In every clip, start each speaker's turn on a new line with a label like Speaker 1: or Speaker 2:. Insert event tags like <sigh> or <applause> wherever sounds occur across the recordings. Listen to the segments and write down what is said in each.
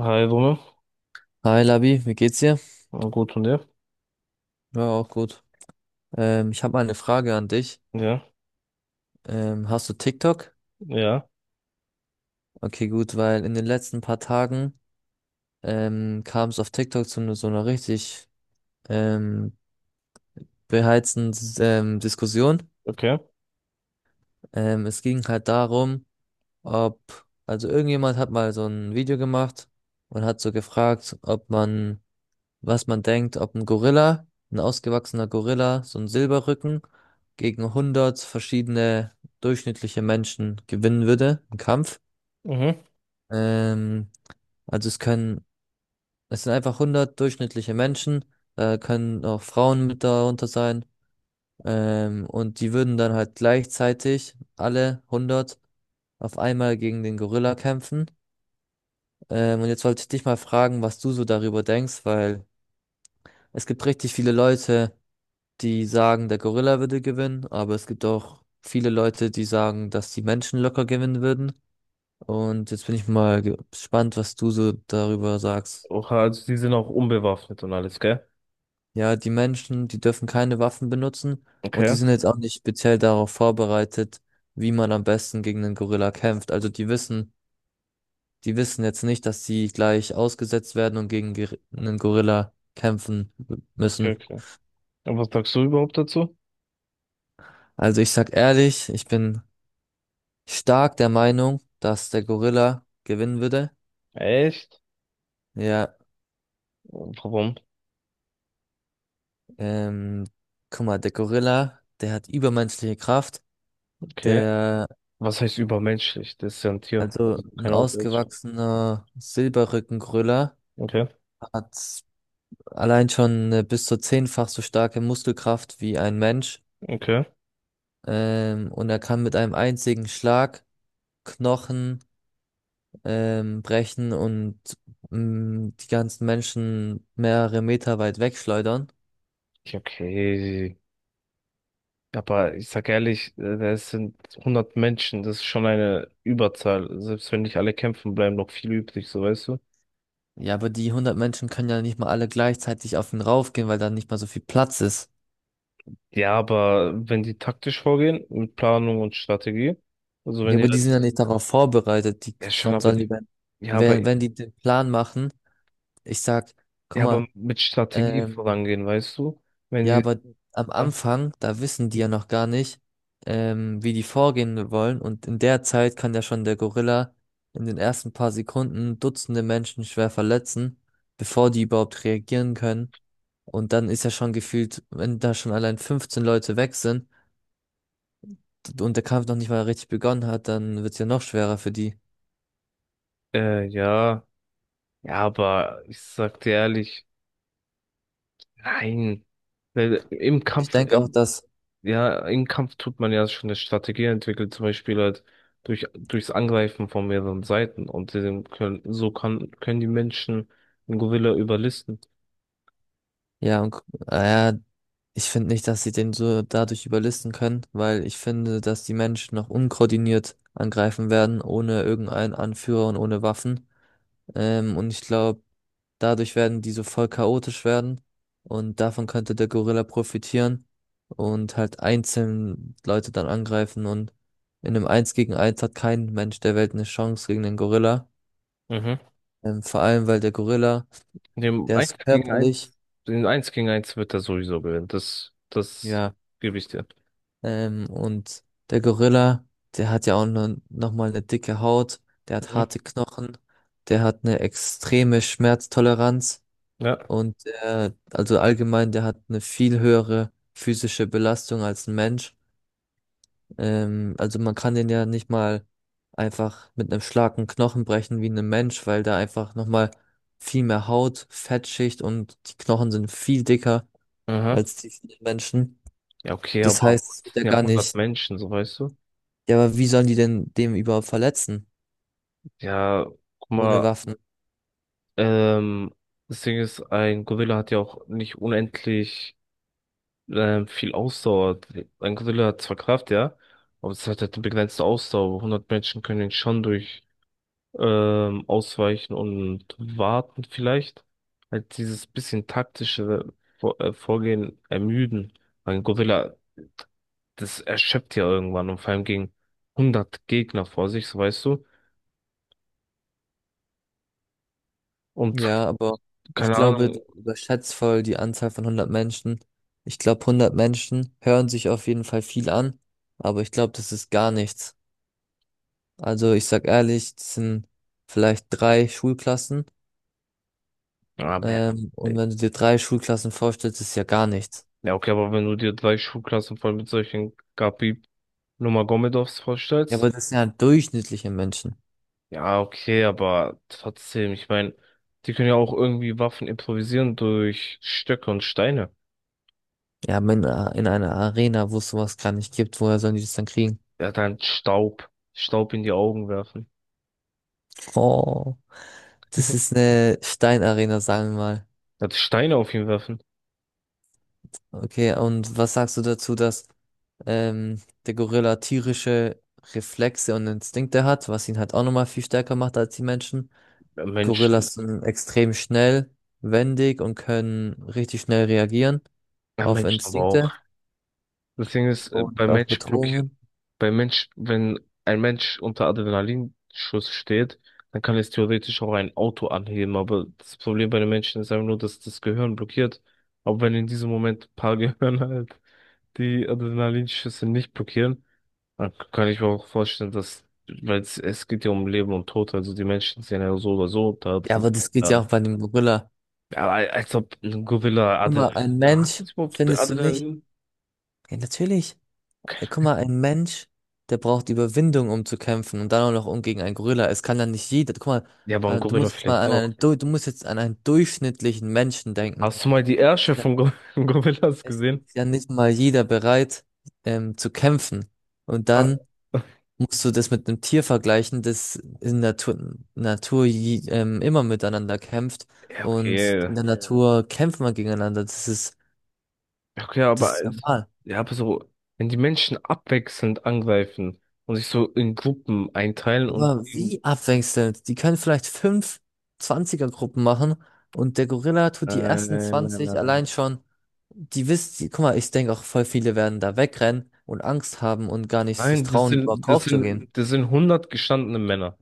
Speaker 1: Hi, Dumme.
Speaker 2: Hi Labi, wie geht's dir?
Speaker 1: Gut und dir?
Speaker 2: Ja, auch gut. Ich habe mal eine Frage an dich.
Speaker 1: Ja,
Speaker 2: Hast du TikTok?
Speaker 1: ja,
Speaker 2: Okay, gut, weil in den letzten paar Tagen kam es auf TikTok zu so einer richtig ähm, beheizten Diskussion.
Speaker 1: okay.
Speaker 2: Es ging halt darum, ob, also irgendjemand hat mal so ein Video gemacht und hat so gefragt, ob man was man denkt, ob ein Gorilla, ein ausgewachsener Gorilla, so ein Silberrücken gegen 100 verschiedene durchschnittliche Menschen gewinnen würde im Kampf.
Speaker 1: Mhm.
Speaker 2: Ähm, also es können, Es sind einfach 100 durchschnittliche Menschen, da können auch Frauen mit darunter sein. Und die würden dann halt gleichzeitig alle 100 auf einmal gegen den Gorilla kämpfen. Und jetzt wollte ich dich mal fragen, was du so darüber denkst, weil es gibt richtig viele Leute, die sagen, der Gorilla würde gewinnen, aber es gibt auch viele Leute, die sagen, dass die Menschen locker gewinnen würden. Und jetzt bin ich mal gespannt, was du so darüber sagst.
Speaker 1: Oha, also die sind auch unbewaffnet und alles, gell?
Speaker 2: Ja, die Menschen, die dürfen keine Waffen benutzen und die
Speaker 1: Okay.
Speaker 2: sind jetzt auch nicht speziell darauf vorbereitet, wie man am besten gegen einen Gorilla kämpft. Also die wissen jetzt nicht, dass sie gleich ausgesetzt werden und gegen einen Gorilla kämpfen
Speaker 1: Okay,
Speaker 2: müssen.
Speaker 1: okay. Und was sagst du überhaupt dazu?
Speaker 2: Also ich sag ehrlich, ich bin stark der Meinung, dass der Gorilla gewinnen würde.
Speaker 1: Echt?
Speaker 2: Ja,
Speaker 1: Warum?
Speaker 2: ähm, guck mal, der Gorilla, der hat übermenschliche Kraft.
Speaker 1: Okay.
Speaker 2: Der,
Speaker 1: Was heißt übermenschlich? Das ist ja ein Tier.
Speaker 2: also
Speaker 1: Also
Speaker 2: ein
Speaker 1: keine Außerirdische.
Speaker 2: ausgewachsener Silberrückengorilla
Speaker 1: Okay,
Speaker 2: hat allein schon eine bis zu zehnfach so starke Muskelkraft wie ein Mensch.
Speaker 1: okay.
Speaker 2: Und er kann mit einem einzigen Schlag Knochen brechen und die ganzen Menschen mehrere Meter weit wegschleudern.
Speaker 1: Ja, okay. Aber ich sag ehrlich, das sind 100 Menschen. Das ist schon eine Überzahl. Selbst wenn nicht alle kämpfen, bleiben noch viele übrig, so weißt du?
Speaker 2: Ja, aber die 100 Menschen können ja nicht mal alle gleichzeitig auf ihn raufgehen, weil da nicht mal so viel Platz ist.
Speaker 1: Ja, aber wenn die taktisch vorgehen, mit Planung und Strategie, also wenn
Speaker 2: Ja,
Speaker 1: die
Speaker 2: aber die sind ja
Speaker 1: jetzt,
Speaker 2: nicht darauf vorbereitet.
Speaker 1: ja schon,
Speaker 2: Wann
Speaker 1: aber
Speaker 2: sollen die
Speaker 1: die,
Speaker 2: denn,
Speaker 1: ja, aber,
Speaker 2: wenn die den Plan machen, ich sag, guck
Speaker 1: ja,
Speaker 2: mal,
Speaker 1: aber mit Strategie
Speaker 2: ähm,
Speaker 1: vorangehen, weißt du? Wenn
Speaker 2: ja,
Speaker 1: die,
Speaker 2: aber am
Speaker 1: ja,
Speaker 2: Anfang, da wissen die ja noch gar nicht, wie die vorgehen wollen. Und in der Zeit kann ja schon der Gorilla in den ersten paar Sekunden Dutzende Menschen schwer verletzen, bevor die überhaupt reagieren können. Und dann ist ja schon gefühlt, wenn da schon allein 15 Leute weg sind, und der Kampf noch nicht mal richtig begonnen hat, dann wird es ja noch schwerer für die.
Speaker 1: ja, ja, aber ich sag dir ehrlich, nein, weil im
Speaker 2: Und ich
Speaker 1: Kampf,
Speaker 2: denke auch,
Speaker 1: ja, im Kampf tut man ja schon eine Strategie entwickeln, zum Beispiel halt durchs Angreifen von mehreren Seiten und dem können, so kann, können die Menschen einen Gorilla überlisten.
Speaker 2: ja, und, äh, ich finde nicht, dass sie den so dadurch überlisten können, weil ich finde, dass die Menschen noch unkoordiniert angreifen werden, ohne irgendeinen Anführer und ohne Waffen. Und ich glaube, dadurch werden die so voll chaotisch werden und davon könnte der Gorilla profitieren und halt einzeln Leute dann angreifen und in einem Eins gegen Eins hat kein Mensch der Welt eine Chance gegen den Gorilla.
Speaker 1: Mhm.
Speaker 2: Vor allem, weil der Gorilla,
Speaker 1: Dem
Speaker 2: der
Speaker 1: eins
Speaker 2: ist
Speaker 1: gegen eins
Speaker 2: körperlich,
Speaker 1: Den eins gegen eins wird er sowieso gewinnen. Das
Speaker 2: ja,
Speaker 1: gebe ich dir.
Speaker 2: und der Gorilla, der hat ja auch noch mal eine dicke Haut, der hat
Speaker 1: Mhm.
Speaker 2: harte Knochen, der hat eine extreme Schmerztoleranz
Speaker 1: Ja.
Speaker 2: und also allgemein, der hat eine viel höhere physische Belastung als ein Mensch. Also man kann den ja nicht mal einfach mit einem Schlag einen Knochen brechen wie ein Mensch, weil da einfach noch mal viel mehr Haut, Fettschicht und die Knochen sind viel dicker.
Speaker 1: Aha.
Speaker 2: als die vielen Menschen.
Speaker 1: Ja, okay,
Speaker 2: Das
Speaker 1: aber
Speaker 2: heißt,
Speaker 1: auch,
Speaker 2: es
Speaker 1: das
Speaker 2: wird ja
Speaker 1: sind ja
Speaker 2: gar
Speaker 1: 100
Speaker 2: nicht.
Speaker 1: Menschen, so weißt du.
Speaker 2: Ja, aber wie sollen die denn dem überhaupt verletzen?
Speaker 1: Ja, guck
Speaker 2: Ohne
Speaker 1: mal,
Speaker 2: Waffen.
Speaker 1: ähm, das Ding ist, ein Gorilla hat ja auch nicht unendlich viel Ausdauer. Ein Gorilla hat zwar Kraft, ja, aber es hat halt eine begrenzte Ausdauer. 100 Menschen können ihn schon durch ausweichen und warten vielleicht. Halt dieses bisschen taktische Vorgehen ermüden. Weil ein Gorilla, das erschöpft ja irgendwann und vor allem gegen 100 Gegner vor sich, so weißt du. Und
Speaker 2: Ja, aber ich
Speaker 1: keine
Speaker 2: glaube,
Speaker 1: Ahnung,
Speaker 2: du überschätzt voll die Anzahl von 100 Menschen. Ich glaube, 100 Menschen hören sich auf jeden Fall viel an, aber ich glaube, das ist gar nichts. Also ich sag ehrlich, das sind vielleicht drei Schulklassen.
Speaker 1: ja.
Speaker 2: Und wenn du dir drei Schulklassen vorstellst, ist ja gar nichts.
Speaker 1: Ja, okay, aber wenn du dir drei Schulklassen voll mit solchen Gabi Nurmagomedovs
Speaker 2: Ja,
Speaker 1: vorstellst,
Speaker 2: aber das sind ja durchschnittliche Menschen.
Speaker 1: ja, okay, aber trotzdem, ich meine, die können ja auch irgendwie Waffen improvisieren durch Stöcke und Steine.
Speaker 2: Ja, aber in einer Arena, wo es sowas gar nicht gibt, woher sollen die das dann kriegen?
Speaker 1: Er hat halt Staub, Staub in die Augen werfen.
Speaker 2: Oh, das ist eine Steinarena, sagen wir mal.
Speaker 1: Er hat Steine auf ihn werfen.
Speaker 2: Okay, und was sagst du dazu, dass ähm, der Gorilla tierische Reflexe und Instinkte hat, was ihn halt auch nochmal viel stärker macht als die Menschen?
Speaker 1: Bei Menschen,
Speaker 2: Gorillas sind extrem schnell, wendig und können richtig schnell reagieren
Speaker 1: ja,
Speaker 2: auf
Speaker 1: Menschen aber auch.
Speaker 2: Instinkte
Speaker 1: Das Ding ist,
Speaker 2: und auf Bedrohungen.
Speaker 1: Bei Mensch, wenn ein Mensch unter Adrenalinschuss steht, dann kann es theoretisch auch ein Auto anheben, aber das Problem bei den Menschen ist einfach nur, dass das Gehirn blockiert. Aber wenn in diesem Moment ein paar <laughs> Gehirne halt die Adrenalinschüsse nicht blockieren, dann kann ich mir auch vorstellen, dass, weil es geht ja um Leben und Tod, also die Menschen sind ja so oder so da
Speaker 2: Ja, aber das geht ja auch
Speaker 1: dran.
Speaker 2: bei dem Gorilla.
Speaker 1: Ja, aber als ob ein Gorilla
Speaker 2: Guck mal,
Speaker 1: Adrenalin.
Speaker 2: ein
Speaker 1: Na, hat
Speaker 2: Mensch,
Speaker 1: das überhaupt
Speaker 2: findest du nicht?
Speaker 1: Adrenalin?
Speaker 2: Ja, natürlich. Ey, guck mal, ein Mensch, der braucht Überwindung, um zu kämpfen und dann auch noch um gegen einen Gorilla. Es kann dann nicht jeder. Guck mal,
Speaker 1: Ja, aber ein Gorilla vielleicht auch.
Speaker 2: du musst jetzt an einen durchschnittlichen Menschen denken.
Speaker 1: Hast du mal die
Speaker 2: Ist
Speaker 1: Ärsche
Speaker 2: ja-
Speaker 1: von Gor <laughs> Gorillas
Speaker 2: Es
Speaker 1: gesehen?
Speaker 2: ist ja nicht mal jeder bereit, zu kämpfen. Und
Speaker 1: Ah,
Speaker 2: dann musst du das mit einem Tier vergleichen, das in Natur, Natur je, immer miteinander kämpft.
Speaker 1: ja,
Speaker 2: Und in
Speaker 1: okay.
Speaker 2: der Ja. Natur kämpft man gegeneinander.
Speaker 1: Ja, okay,
Speaker 2: Das ist normal.
Speaker 1: ja, aber so, wenn die Menschen abwechselnd angreifen und sich so in Gruppen einteilen
Speaker 2: Aber wie abwechselnd? Die können vielleicht fünf 20 gruppen machen und der Gorilla tut die ersten
Speaker 1: nein, nein,
Speaker 2: 20
Speaker 1: nein,
Speaker 2: allein
Speaker 1: nein.
Speaker 2: schon. Guck mal, ich denke auch voll viele werden da wegrennen und Angst haben und gar nicht sich
Speaker 1: Nein, das
Speaker 2: trauen, überhaupt
Speaker 1: sind, das sind,
Speaker 2: draufzugehen.
Speaker 1: das sind 100 gestandene Männer.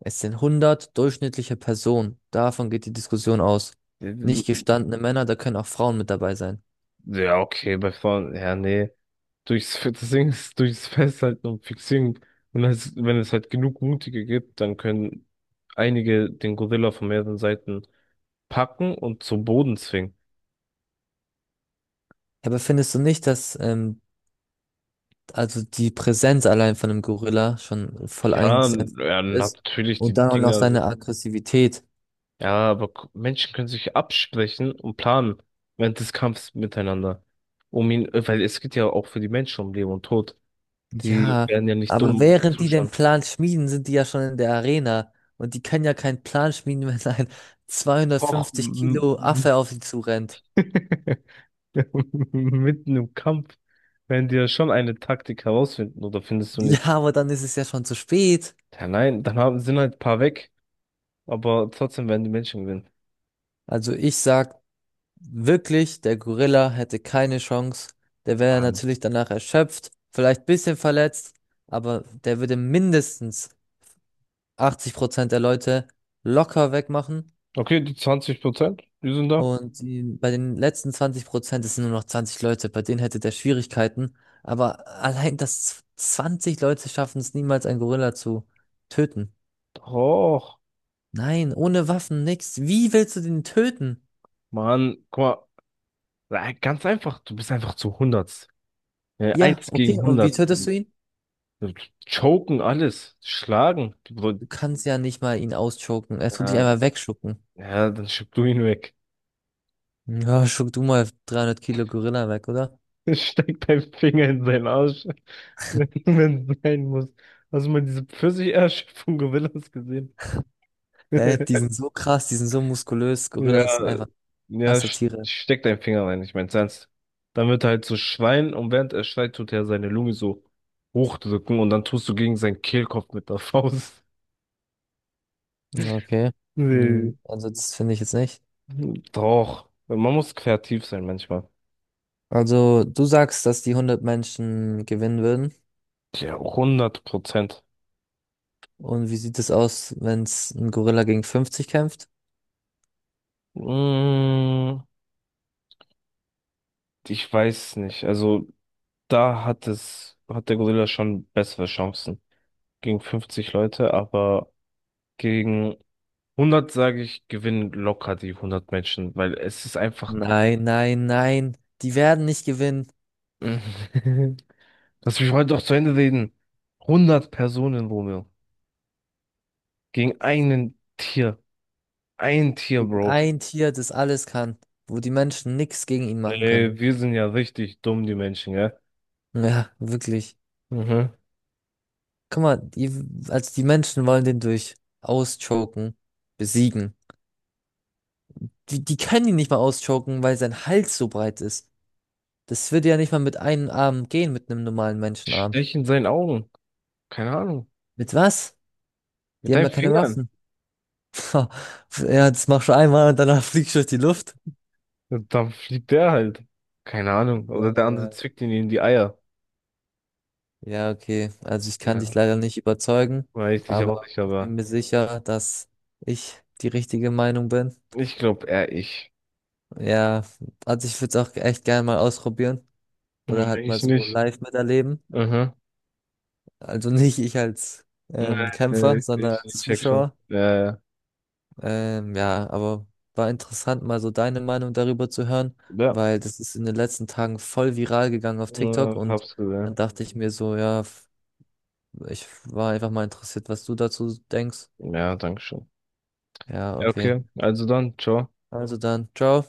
Speaker 2: Es sind 100 durchschnittliche Personen. Davon geht die Diskussion aus. Nicht gestandene Männer, da können auch Frauen mit dabei sein.
Speaker 1: Ja, okay, bei Frauen, ja, nee. <laughs> Das Ding ist, durchs Festhalten und Fixieren. Und wenn es halt genug Mutige gibt, dann können einige den Gorilla von mehreren Seiten packen und zum Boden zwingen.
Speaker 2: Ja, aber findest du nicht, dass also die Präsenz allein von einem Gorilla schon voll
Speaker 1: Ja,
Speaker 2: eingesetzt
Speaker 1: ja,
Speaker 2: ist
Speaker 1: natürlich,
Speaker 2: und
Speaker 1: die
Speaker 2: dann auch noch
Speaker 1: Dinger sind.
Speaker 2: seine Aggressivität?
Speaker 1: Ja, aber Menschen können sich absprechen und planen während des Kampfs miteinander. Weil es geht ja auch für die Menschen um Leben und Tod. Die
Speaker 2: Ja,
Speaker 1: werden ja nicht
Speaker 2: aber
Speaker 1: dumm
Speaker 2: während die den
Speaker 1: zuschauen.
Speaker 2: Plan schmieden, sind die ja schon in der Arena. Und die können ja keinen Plan schmieden, <laughs> wenn ein
Speaker 1: Och,
Speaker 2: 250 Kilo Affe auf sie zurennt.
Speaker 1: <laughs> <laughs> Mitten im Kampf werden die ja schon eine Taktik herausfinden, oder findest du
Speaker 2: Ja,
Speaker 1: nicht?
Speaker 2: aber dann ist es ja schon zu spät.
Speaker 1: Ja, nein, dann sind halt ein paar weg, aber trotzdem werden die Menschen gewinnen.
Speaker 2: Also ich sag wirklich, der Gorilla hätte keine Chance. Der wäre
Speaker 1: Ah, ne.
Speaker 2: natürlich danach erschöpft, vielleicht ein bisschen verletzt, aber der würde mindestens 80% der Leute locker wegmachen.
Speaker 1: Okay, die 20%, die sind da.
Speaker 2: Und die, bei den letzten 20%, es sind nur noch 20 Leute, bei denen hätte der Schwierigkeiten. Aber allein, dass 20 Leute schaffen es niemals, einen Gorilla zu töten.
Speaker 1: Doch,
Speaker 2: Nein, ohne Waffen, nix. Wie willst du den töten?
Speaker 1: Mann, guck mal. Ja, ganz einfach, du bist einfach zu 100. Ja,
Speaker 2: Ja,
Speaker 1: 1
Speaker 2: okay.
Speaker 1: gegen
Speaker 2: Und wie
Speaker 1: 100,
Speaker 2: tötest du ihn?
Speaker 1: äh, Choken alles, schlagen.
Speaker 2: Du kannst ja nicht mal ihn ausschocken. Er tut dich
Speaker 1: Äh,
Speaker 2: einmal wegschucken.
Speaker 1: ja, dann schieb du ihn weg.
Speaker 2: Ja, schuck du mal 300 Kilo Gorilla weg, oder?
Speaker 1: Steckt deinen Finger in seinen Arsch, <laughs> wenn wenn es sein muss. Hast du mal diese Pfirsicherschöpfung von Gorillas gesehen?
Speaker 2: Hä, die sind
Speaker 1: <laughs>
Speaker 2: so krass, die sind so muskulös. Gorillas sind
Speaker 1: Ja,
Speaker 2: einfach
Speaker 1: ja,
Speaker 2: krasse Tiere.
Speaker 1: steck deinen Finger rein, ich mein's ernst. Dann wird er halt so schreien und während er schreit, tut er seine Lunge so hochdrücken und dann tust du gegen seinen Kehlkopf mit der <laughs> Faust.
Speaker 2: Okay.
Speaker 1: Nee.
Speaker 2: Also, das finde ich jetzt nicht.
Speaker 1: Doch, man muss kreativ sein manchmal.
Speaker 2: Also, du sagst, dass die 100 Menschen gewinnen würden.
Speaker 1: Ja, 100%.
Speaker 2: Und wie sieht es aus, wenn es ein Gorilla gegen 50 kämpft?
Speaker 1: Mm, ich weiß nicht, also. Da hat der Gorilla schon bessere Chancen. Gegen 50 Leute, aber gegen 100, sage ich, gewinnen locker die 100 Menschen, weil es ist einfach,
Speaker 2: Nein, nein, nein. Die werden nicht gewinnen.
Speaker 1: <laughs> lass mich heute doch zu Ende reden. 100 Personen, Romeo, gegen einen Tier. Ein Tier, Bro.
Speaker 2: Ein Tier, das alles kann, wo die Menschen nichts gegen ihn machen können.
Speaker 1: Nee, wir sind ja richtig dumm, die Menschen, gell?
Speaker 2: Ja, wirklich.
Speaker 1: Mhm.
Speaker 2: Guck mal, also die Menschen wollen den durch auschoken, besiegen. Die können ihn nicht mal auschoken, weil sein Hals so breit ist. Das würde ja nicht mal mit einem Arm gehen, mit einem normalen Menschenarm.
Speaker 1: Stech in seinen Augen. Keine Ahnung.
Speaker 2: Mit was? Die
Speaker 1: Mit
Speaker 2: haben
Speaker 1: deinen
Speaker 2: ja keine
Speaker 1: Fingern.
Speaker 2: Waffen. Ha, ja, das machst du einmal und danach <laughs> fliegst du durch die Luft.
Speaker 1: Und dann fliegt der halt. Keine Ahnung. Oder
Speaker 2: Ja,
Speaker 1: der andere
Speaker 2: ja.
Speaker 1: zwickt ihn in die Eier.
Speaker 2: Ja, okay. Also ich kann dich
Speaker 1: Ja.
Speaker 2: leider nicht überzeugen,
Speaker 1: Weiß ich auch
Speaker 2: aber
Speaker 1: nicht,
Speaker 2: ich
Speaker 1: aber
Speaker 2: bin mir sicher, dass ich die richtige Meinung bin.
Speaker 1: ich glaube eher ich.
Speaker 2: Ja, also ich würde es auch echt gerne mal ausprobieren oder
Speaker 1: Hm,
Speaker 2: halt mal
Speaker 1: ich
Speaker 2: so
Speaker 1: nicht.
Speaker 2: live miterleben.
Speaker 1: Mhm.
Speaker 2: Also nicht ich als
Speaker 1: Nee,
Speaker 2: Kämpfer,
Speaker 1: nee,
Speaker 2: sondern
Speaker 1: ich,
Speaker 2: als
Speaker 1: ich check schon.
Speaker 2: Zuschauer.
Speaker 1: Ja, ja.
Speaker 2: Ja, aber war interessant, mal so deine Meinung darüber zu hören, weil das ist in den letzten Tagen voll viral gegangen auf
Speaker 1: Ja,
Speaker 2: TikTok und
Speaker 1: hab's
Speaker 2: dann
Speaker 1: gesehen.
Speaker 2: dachte ich mir so, ja, ich war einfach mal interessiert, was du dazu denkst.
Speaker 1: Ja, danke schön.
Speaker 2: Ja, okay.
Speaker 1: Okay, also dann, ciao.
Speaker 2: Also dann, ciao.